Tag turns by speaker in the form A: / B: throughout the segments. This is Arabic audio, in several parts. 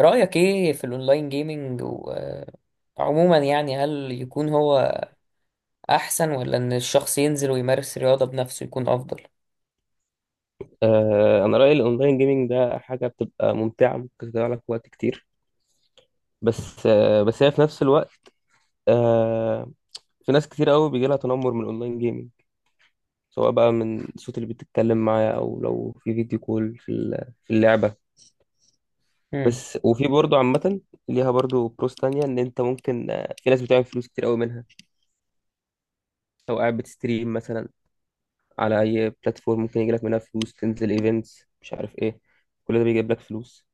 A: رأيك ايه في الاونلاين جيمينج؟ وعموما يعني هل يكون هو احسن، ولا ان الشخص ينزل ويمارس رياضة بنفسه يكون افضل؟
B: انا رايي الاونلاين جيمنج ده حاجه بتبقى ممتعه، ممكن تضيع لك وقت كتير. بس بس هي في نفس الوقت، آه، في ناس كتير قوي بيجي لها تنمر من الاونلاين جيمنج، سواء بقى من الصوت اللي بتتكلم معاه او لو في فيديو كول في في اللعبه.
A: امم.
B: بس وفي برضه عامه ليها برضه بروس تانية ان انت ممكن، في ناس بتعمل فلوس كتير قوي منها. لو قاعد بتستريم مثلا على اي بلاتفورم ممكن يجي لك منها فلوس، تنزل ايفنتس مش عارف ايه، كل ده بيجيب لك فلوس.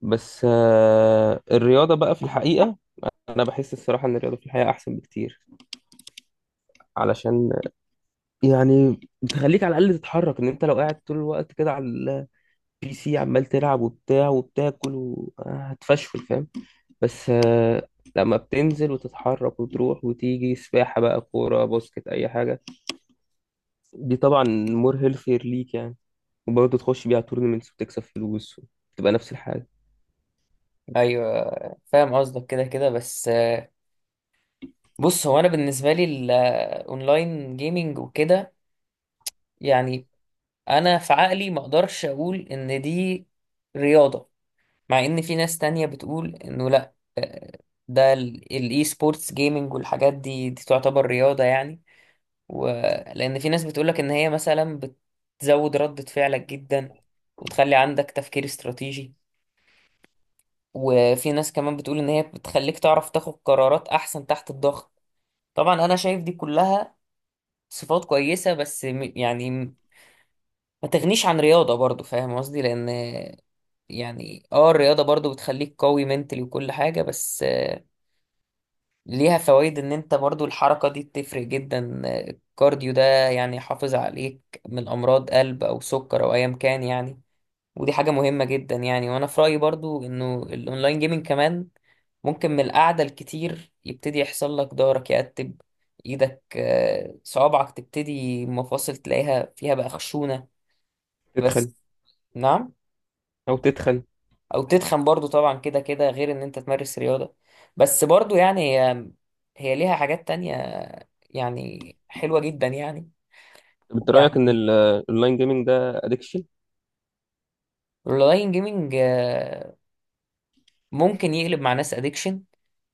B: بس الرياضة بقى في الحقيقة، انا بحس الصراحه ان الرياضه في الحياه احسن بكتير، علشان يعني بتخليك على الاقل تتحرك. ان انت لو قاعد طول الوقت كده على البي سي عمال تلعب وبتاع وبتاكل هتفشل، فاهم؟ بس لما بتنزل وتتحرك وتروح وتيجي سباحه بقى، كوره، باسكت، اي حاجه، دي طبعا مور هيلثير ليك يعني. وبرضه تخش بيها تورنمنتس وتكسب فلوس وتبقى نفس الحاجه.
A: ايوه، فاهم قصدك كده كده. بس بص، هو انا بالنسبة لي الاونلاين جيمينج وكده يعني انا في عقلي ما اقدرش اقول ان دي رياضة. مع ان في ناس تانية بتقول انه لا، ده الاي سبورتس جيمينج والحاجات دي تعتبر رياضة يعني. ولأن في ناس بتقولك إن هي مثلا بتزود ردة فعلك جدا، وتخلي عندك تفكير استراتيجي. وفي ناس كمان بتقول إن هي بتخليك تعرف تاخد قرارات أحسن تحت الضغط. طبعا أنا شايف دي كلها صفات كويسة، بس يعني ما تغنيش عن رياضة برضو، فاهم قصدي، لأن يعني الرياضة برضو بتخليك قوي منتلي وكل حاجة. بس ليها فوائد، ان انت برضو الحركة دي بتفرق جدا. الكارديو ده يعني يحافظ عليك من امراض قلب او سكر او ايا كان يعني. ودي حاجة مهمة جدا يعني. وانا في رأيي برضو انه الاونلاين جيمنج كمان ممكن من القعدة الكتير يبتدي يحصل لك ضهرك يرتب، ايدك صوابعك تبتدي مفاصل تلاقيها فيها بقى خشونة. بس.
B: تدخل
A: نعم؟
B: تدخل.
A: او تتخن برضو طبعا كده كده، غير ان انت تمارس رياضة. بس برضو يعني هي ليها حاجات تانية، يعني حلوة جدا يعني.
B: طب انت رايك ان
A: يعني
B: الاونلاين جيمنج ده ادكشن؟
A: الاونلاين جيمنج ممكن يقلب مع ناس ادكشن.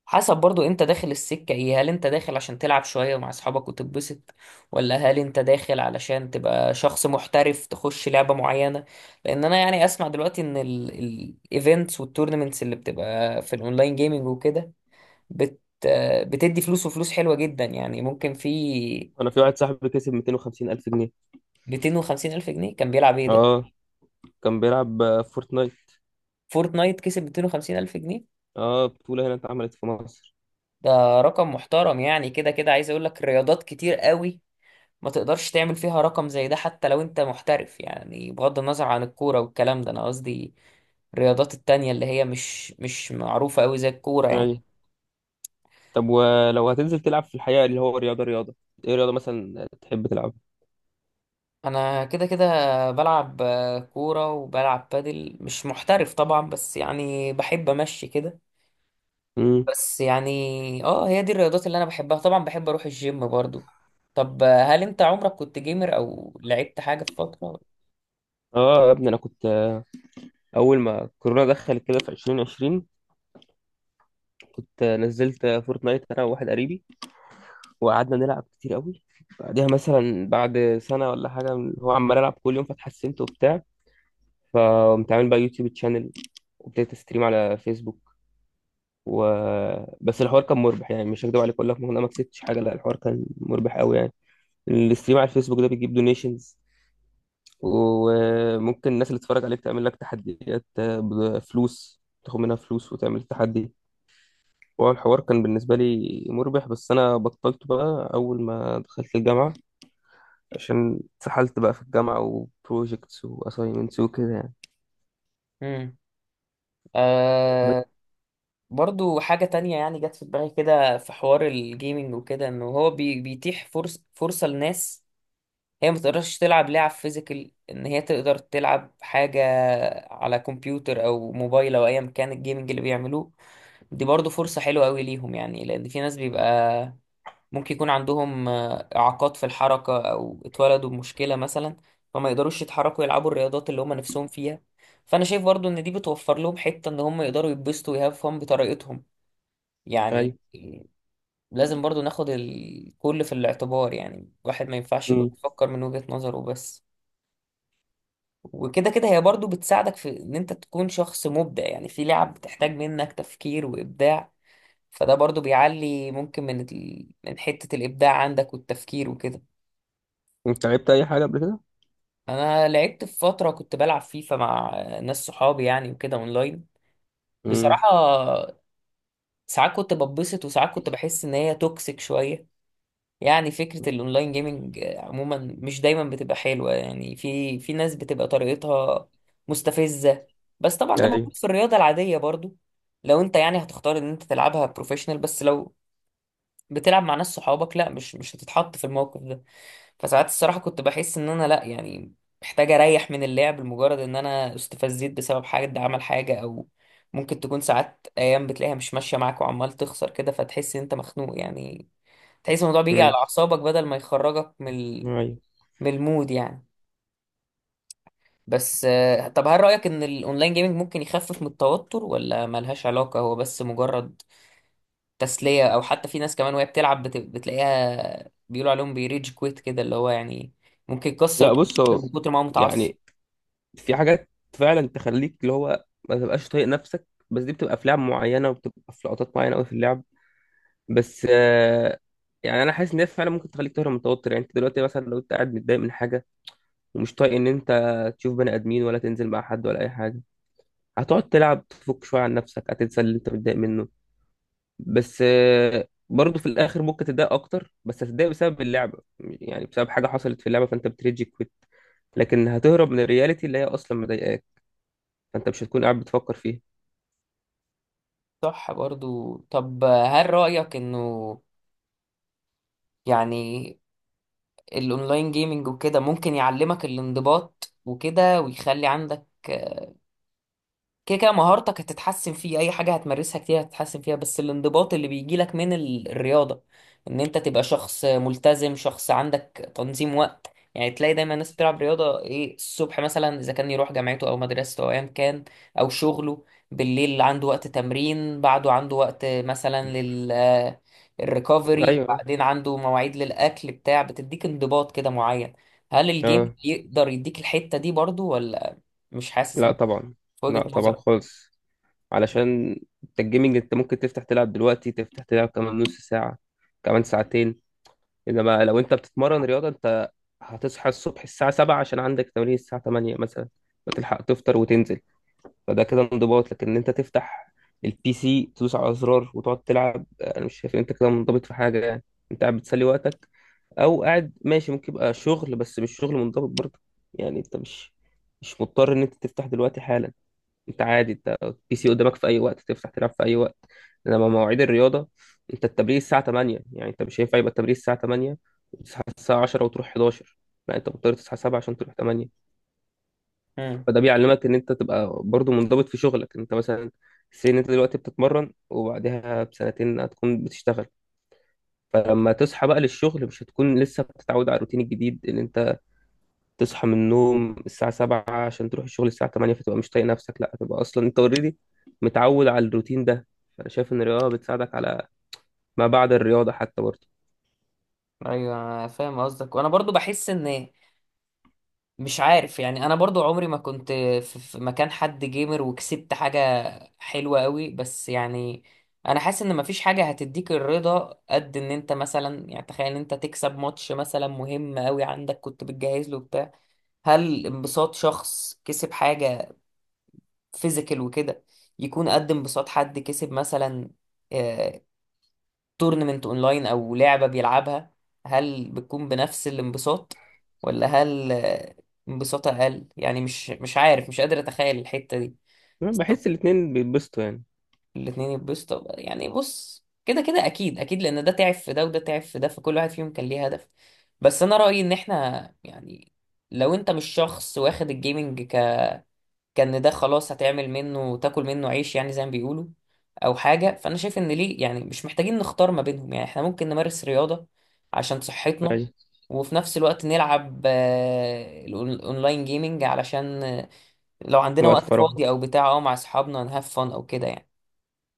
A: حسب برضو انت داخل السكة ايه. هل انت داخل عشان تلعب شوية مع اصحابك وتتبسط، ولا هل انت داخل علشان تبقى شخص محترف تخش لعبة معينة؟ لان انا يعني اسمع دلوقتي ان الايفنتس والتورنمنتس اللي بتبقى في الاونلاين جيمنج وكده بت آه، بتدي فلوس، وفلوس حلوة جدا يعني، ممكن في
B: انا في واحد صاحبي كسب 250 الف جنيه.
A: 250 ألف جنيه؟ كان بيلعب ايه ده؟
B: اه، كان بيلعب فورتنايت.
A: فورتنايت كسب 250 ألف جنيه؟
B: اه، بطولة هنا اتعملت في مصر.
A: ده رقم محترم يعني، كده كده عايز اقول لك رياضات كتير قوي ما تقدرش تعمل فيها رقم زي ده. حتى لو انت محترف يعني، بغض النظر عن الكورة والكلام ده. انا قصدي الرياضات التانية اللي هي مش معروفة قوي زي الكورة يعني.
B: ايوه. طب ولو هتنزل تلعب في الحقيقة اللي هو رياضة، ايه رياضة مثلا تحب تلعبها؟
A: انا كده كده بلعب كورة وبلعب بادل، مش محترف طبعا، بس يعني بحب امشي كده.
B: امم.
A: بس يعني هي دي الرياضات اللي انا بحبها، طبعا بحب اروح الجيم برضو. طب هل انت عمرك كنت جيمر او لعبت حاجة في فترة؟
B: اه يا ابني، انا كنت اول ما كورونا دخلت كده في 2020، كنت نزلت فورتنايت انا وواحد قريبي، وقعدنا نلعب كتير قوي. بعدها مثلا بعد سنة ولا حاجة هو عمال العب كل يوم، فتحسنت وبتاع، فقمت عامل بقى يوتيوب تشانل، وابتديت استريم على فيسبوك. و بس الحوار كان مربح، يعني مش هكدب عليك اقول لك إن انا ما كسبتش حاجه، لا الحوار كان مربح قوي يعني. الاستريم على الفيسبوك ده بيجيب دونيشنز، وممكن الناس اللي تتفرج عليك تعمل لك تحديات بفلوس، تاخد منها فلوس وتعمل تحدي. هو الحوار كان بالنسبة لي مربح، بس أنا بطلته بقى أول ما دخلت الجامعة، عشان اتسحلت بقى في الجامعة وبروجيكتس وأسايمنتس وكده يعني.
A: امم.
B: بس،
A: آه برضو حاجة تانية يعني جت في دماغي كده في حوار الجيمنج وكده، انه هو بي بيتيح فرصة لناس هي ما تقدرش تلعب لعب فيزيكال، ان هي تقدر تلعب حاجة على كمبيوتر او موبايل او ايا كان الجيمنج اللي بيعملوه. دي برضو فرصة حلوة قوي ليهم يعني، لان في ناس بيبقى ممكن يكون عندهم إعاقات في الحركة أو اتولدوا بمشكلة مثلا، فما يقدروش يتحركوا يلعبوا الرياضات اللي هم نفسهم فيها. فأنا شايف برضو إن دي بتوفر لهم حتة إن هم يقدروا يتبسطوا ويهاف فن بطريقتهم، يعني
B: أيوه.
A: إيه، لازم برضو ناخد الكل في الاعتبار، يعني الواحد ما ينفعش يبقى
B: أمم.
A: بيفكر من وجهة نظره بس. وكده كده هي برضو بتساعدك في إن أنت تكون شخص مبدع، يعني في لعب بتحتاج منك تفكير وإبداع، فده برضو بيعلي ممكن من حتة الإبداع عندك والتفكير وكده.
B: أنت لعبت أي حاجة قبل كده؟
A: انا لعبت في فتره كنت بلعب فيفا مع ناس صحابي يعني وكده اونلاين.
B: امم.
A: بصراحه ساعات كنت بتبسط، وساعات كنت بحس ان هي توكسيك شويه يعني. فكره الاونلاين جيمنج عموما مش دايما بتبقى حلوه يعني، في ناس بتبقى طريقتها مستفزه. بس طبعا ده
B: أيوه.
A: موجود في الرياضه العاديه برضو، لو انت يعني هتختار ان انت تلعبها بروفيشنال. بس لو بتلعب مع ناس صحابك لا، مش هتتحط في الموقف ده. فساعات الصراحة كنت بحس ان انا لا، يعني محتاج اريح من اللعب لمجرد ان انا استفزيت بسبب حد عمل حاجة. او ممكن تكون ساعات ايام بتلاقيها مش ماشية معاك وعمال تخسر كده، فتحس ان انت مخنوق يعني. تحس الموضوع بيجي على
B: امم.
A: اعصابك، بدل ما يخرجك
B: أيوه.
A: من المود يعني. بس طب هل رأيك ان الاونلاين جيمنج ممكن يخفف من التوتر، ولا ملهاش علاقة، هو بس مجرد تسلية؟ أو حتى في ناس كمان وهي بتلعب بتلاقيها بيقولوا عليهم بيريج كويت كده، اللي هو يعني ممكن يكسر
B: لا بص
A: الكمبيوتر
B: هو،
A: من كتر ما هو متعصب.
B: يعني في حاجات فعلا تخليك اللي هو ما تبقاش طايق نفسك، بس دي بتبقى في لعب معينه وبتبقى في لقطات معينه قوي في اللعب. بس يعني انا حاسس ان هي فعلا ممكن تخليك تهرب من التوتر. يعني انت دلوقتي مثلا لو انت قاعد متضايق من حاجه ومش طايق ان انت تشوف بني ادمين ولا تنزل مع حد ولا اي حاجه، هتقعد تلعب تفك شويه عن نفسك، هتنسى اللي انت متضايق منه. بس برضه في الاخر ممكن تتضايق اكتر، بس هتتضايق بسبب اللعبه، يعني بسبب حاجه حصلت في اللعبه فانت بتريجي كويت، لكن هتهرب من الرياليتي اللي هي اصلا مضايقاك، فانت مش هتكون قاعد بتفكر فيها.
A: صح برضو. طب هل رأيك إنه يعني الأونلاين جيمنج وكده ممكن يعلمك الانضباط وكده ويخلي عندك؟ كده كده مهارتك هتتحسن فيه، اي حاجه هتمارسها كتير هتتحسن فيها. بس الانضباط اللي بيجيلك من الرياضه، ان انت تبقى شخص ملتزم، شخص عندك تنظيم وقت. يعني تلاقي دايما الناس بتلعب رياضه ايه الصبح مثلا، اذا كان يروح جامعته او مدرسته او ايا كان او شغله. بالليل عنده وقت تمرين، بعده عنده وقت مثلا الريكفري،
B: ايوه.
A: بعدين عنده مواعيد للاكل بتاع، بتديك انضباط كده معين. هل الجيم
B: اه.
A: يقدر يديك الحته دي برضو ولا؟ مش حاسس
B: لا
A: ان،
B: طبعا.
A: في وجهه
B: لا طبعا
A: نظرك؟
B: خالص، علشان انت الجيمنج انت ممكن تفتح تلعب دلوقتي، تفتح تلعب كمان نص ساعة، كمان ساعتين. انما لو انت بتتمرن رياضة، انت هتصحى الصبح الساعة 7 عشان عندك تمرين الساعة 8 مثلا، فتلحق تفطر وتنزل، فده كده انضباط. لكن ان انت تفتح البي سي تدوس على زرار وتقعد تلعب، انا مش شايف ان انت كده منضبط في حاجه يعني، انت قاعد بتسلي وقتك، او قاعد ماشي، ممكن يبقى شغل بس مش شغل منضبط برضه. يعني انت مش مضطر ان انت تفتح دلوقتي حالا، انت عادي، انت البي سي قدامك في اي وقت، تفتح تلعب في اي وقت. انما مواعيد الرياضه، انت التمرين الساعه 8، يعني انت مش هينفع يبقى التمرين الساعه 8 وتصحى الساعه 10 وتروح 11، لا انت مضطر تصحى 7 عشان تروح 8.
A: امم.
B: فده بيعلمك ان انت تبقى برضو منضبط في شغلك. انت مثلا سين انت دلوقتي بتتمرن، وبعدها بسنتين هتكون بتشتغل، فلما تصحى بقى للشغل مش هتكون لسه بتتعود على الروتين الجديد ان انت تصحى من النوم الساعة 7 عشان تروح الشغل الساعة 8، فتبقى مش طايق نفسك. لا هتبقى اصلا انت اوريدي متعود على الروتين ده. فانا شايف ان الرياضة بتساعدك على ما بعد الرياضة حتى برضه.
A: ايوه، أنا فاهم قصدك. وانا برضو بحس ان، مش عارف يعني، انا برضو عمري ما كنت في مكان حد جيمر وكسبت حاجة حلوة قوي، بس يعني انا حاسس ان مفيش حاجة هتديك الرضا قد ان انت مثلا، يعني تخيل ان انت تكسب ماتش مثلا مهم قوي عندك كنت بتجهز له بتاع. هل انبساط شخص كسب حاجة فيزيكال وكده يكون قد انبساط حد كسب مثلا آه، تورنمنت اونلاين او لعبة بيلعبها؟ هل بتكون بنفس الانبساط، ولا هل انبساط اقل؟ يعني مش عارف، مش قادر اتخيل الحتة دي.
B: أنا
A: بس طب،
B: بحس الاتنين بيتبسطوا يعني.
A: الاتنين يتبسطوا بقى. يعني بص كده كده اكيد اكيد، لان ده تعب في ده وده تعب في ده، فكل واحد فيهم كان ليه هدف. بس انا رأيي ان احنا يعني، لو انت مش شخص واخد الجيمنج كان ده خلاص هتعمل منه تاكل منه عيش يعني زي ما بيقولوا، او حاجه. فانا شايف ان ليه يعني مش محتاجين نختار ما بينهم، يعني احنا ممكن نمارس رياضه عشان صحتنا،
B: ماشي.
A: وفي نفس الوقت نلعب الاونلاين جيمينج علشان لو عندنا
B: وقت
A: وقت
B: فراغ.
A: فاضي او بتاع مع اصحابنا نهاف فن او كده يعني.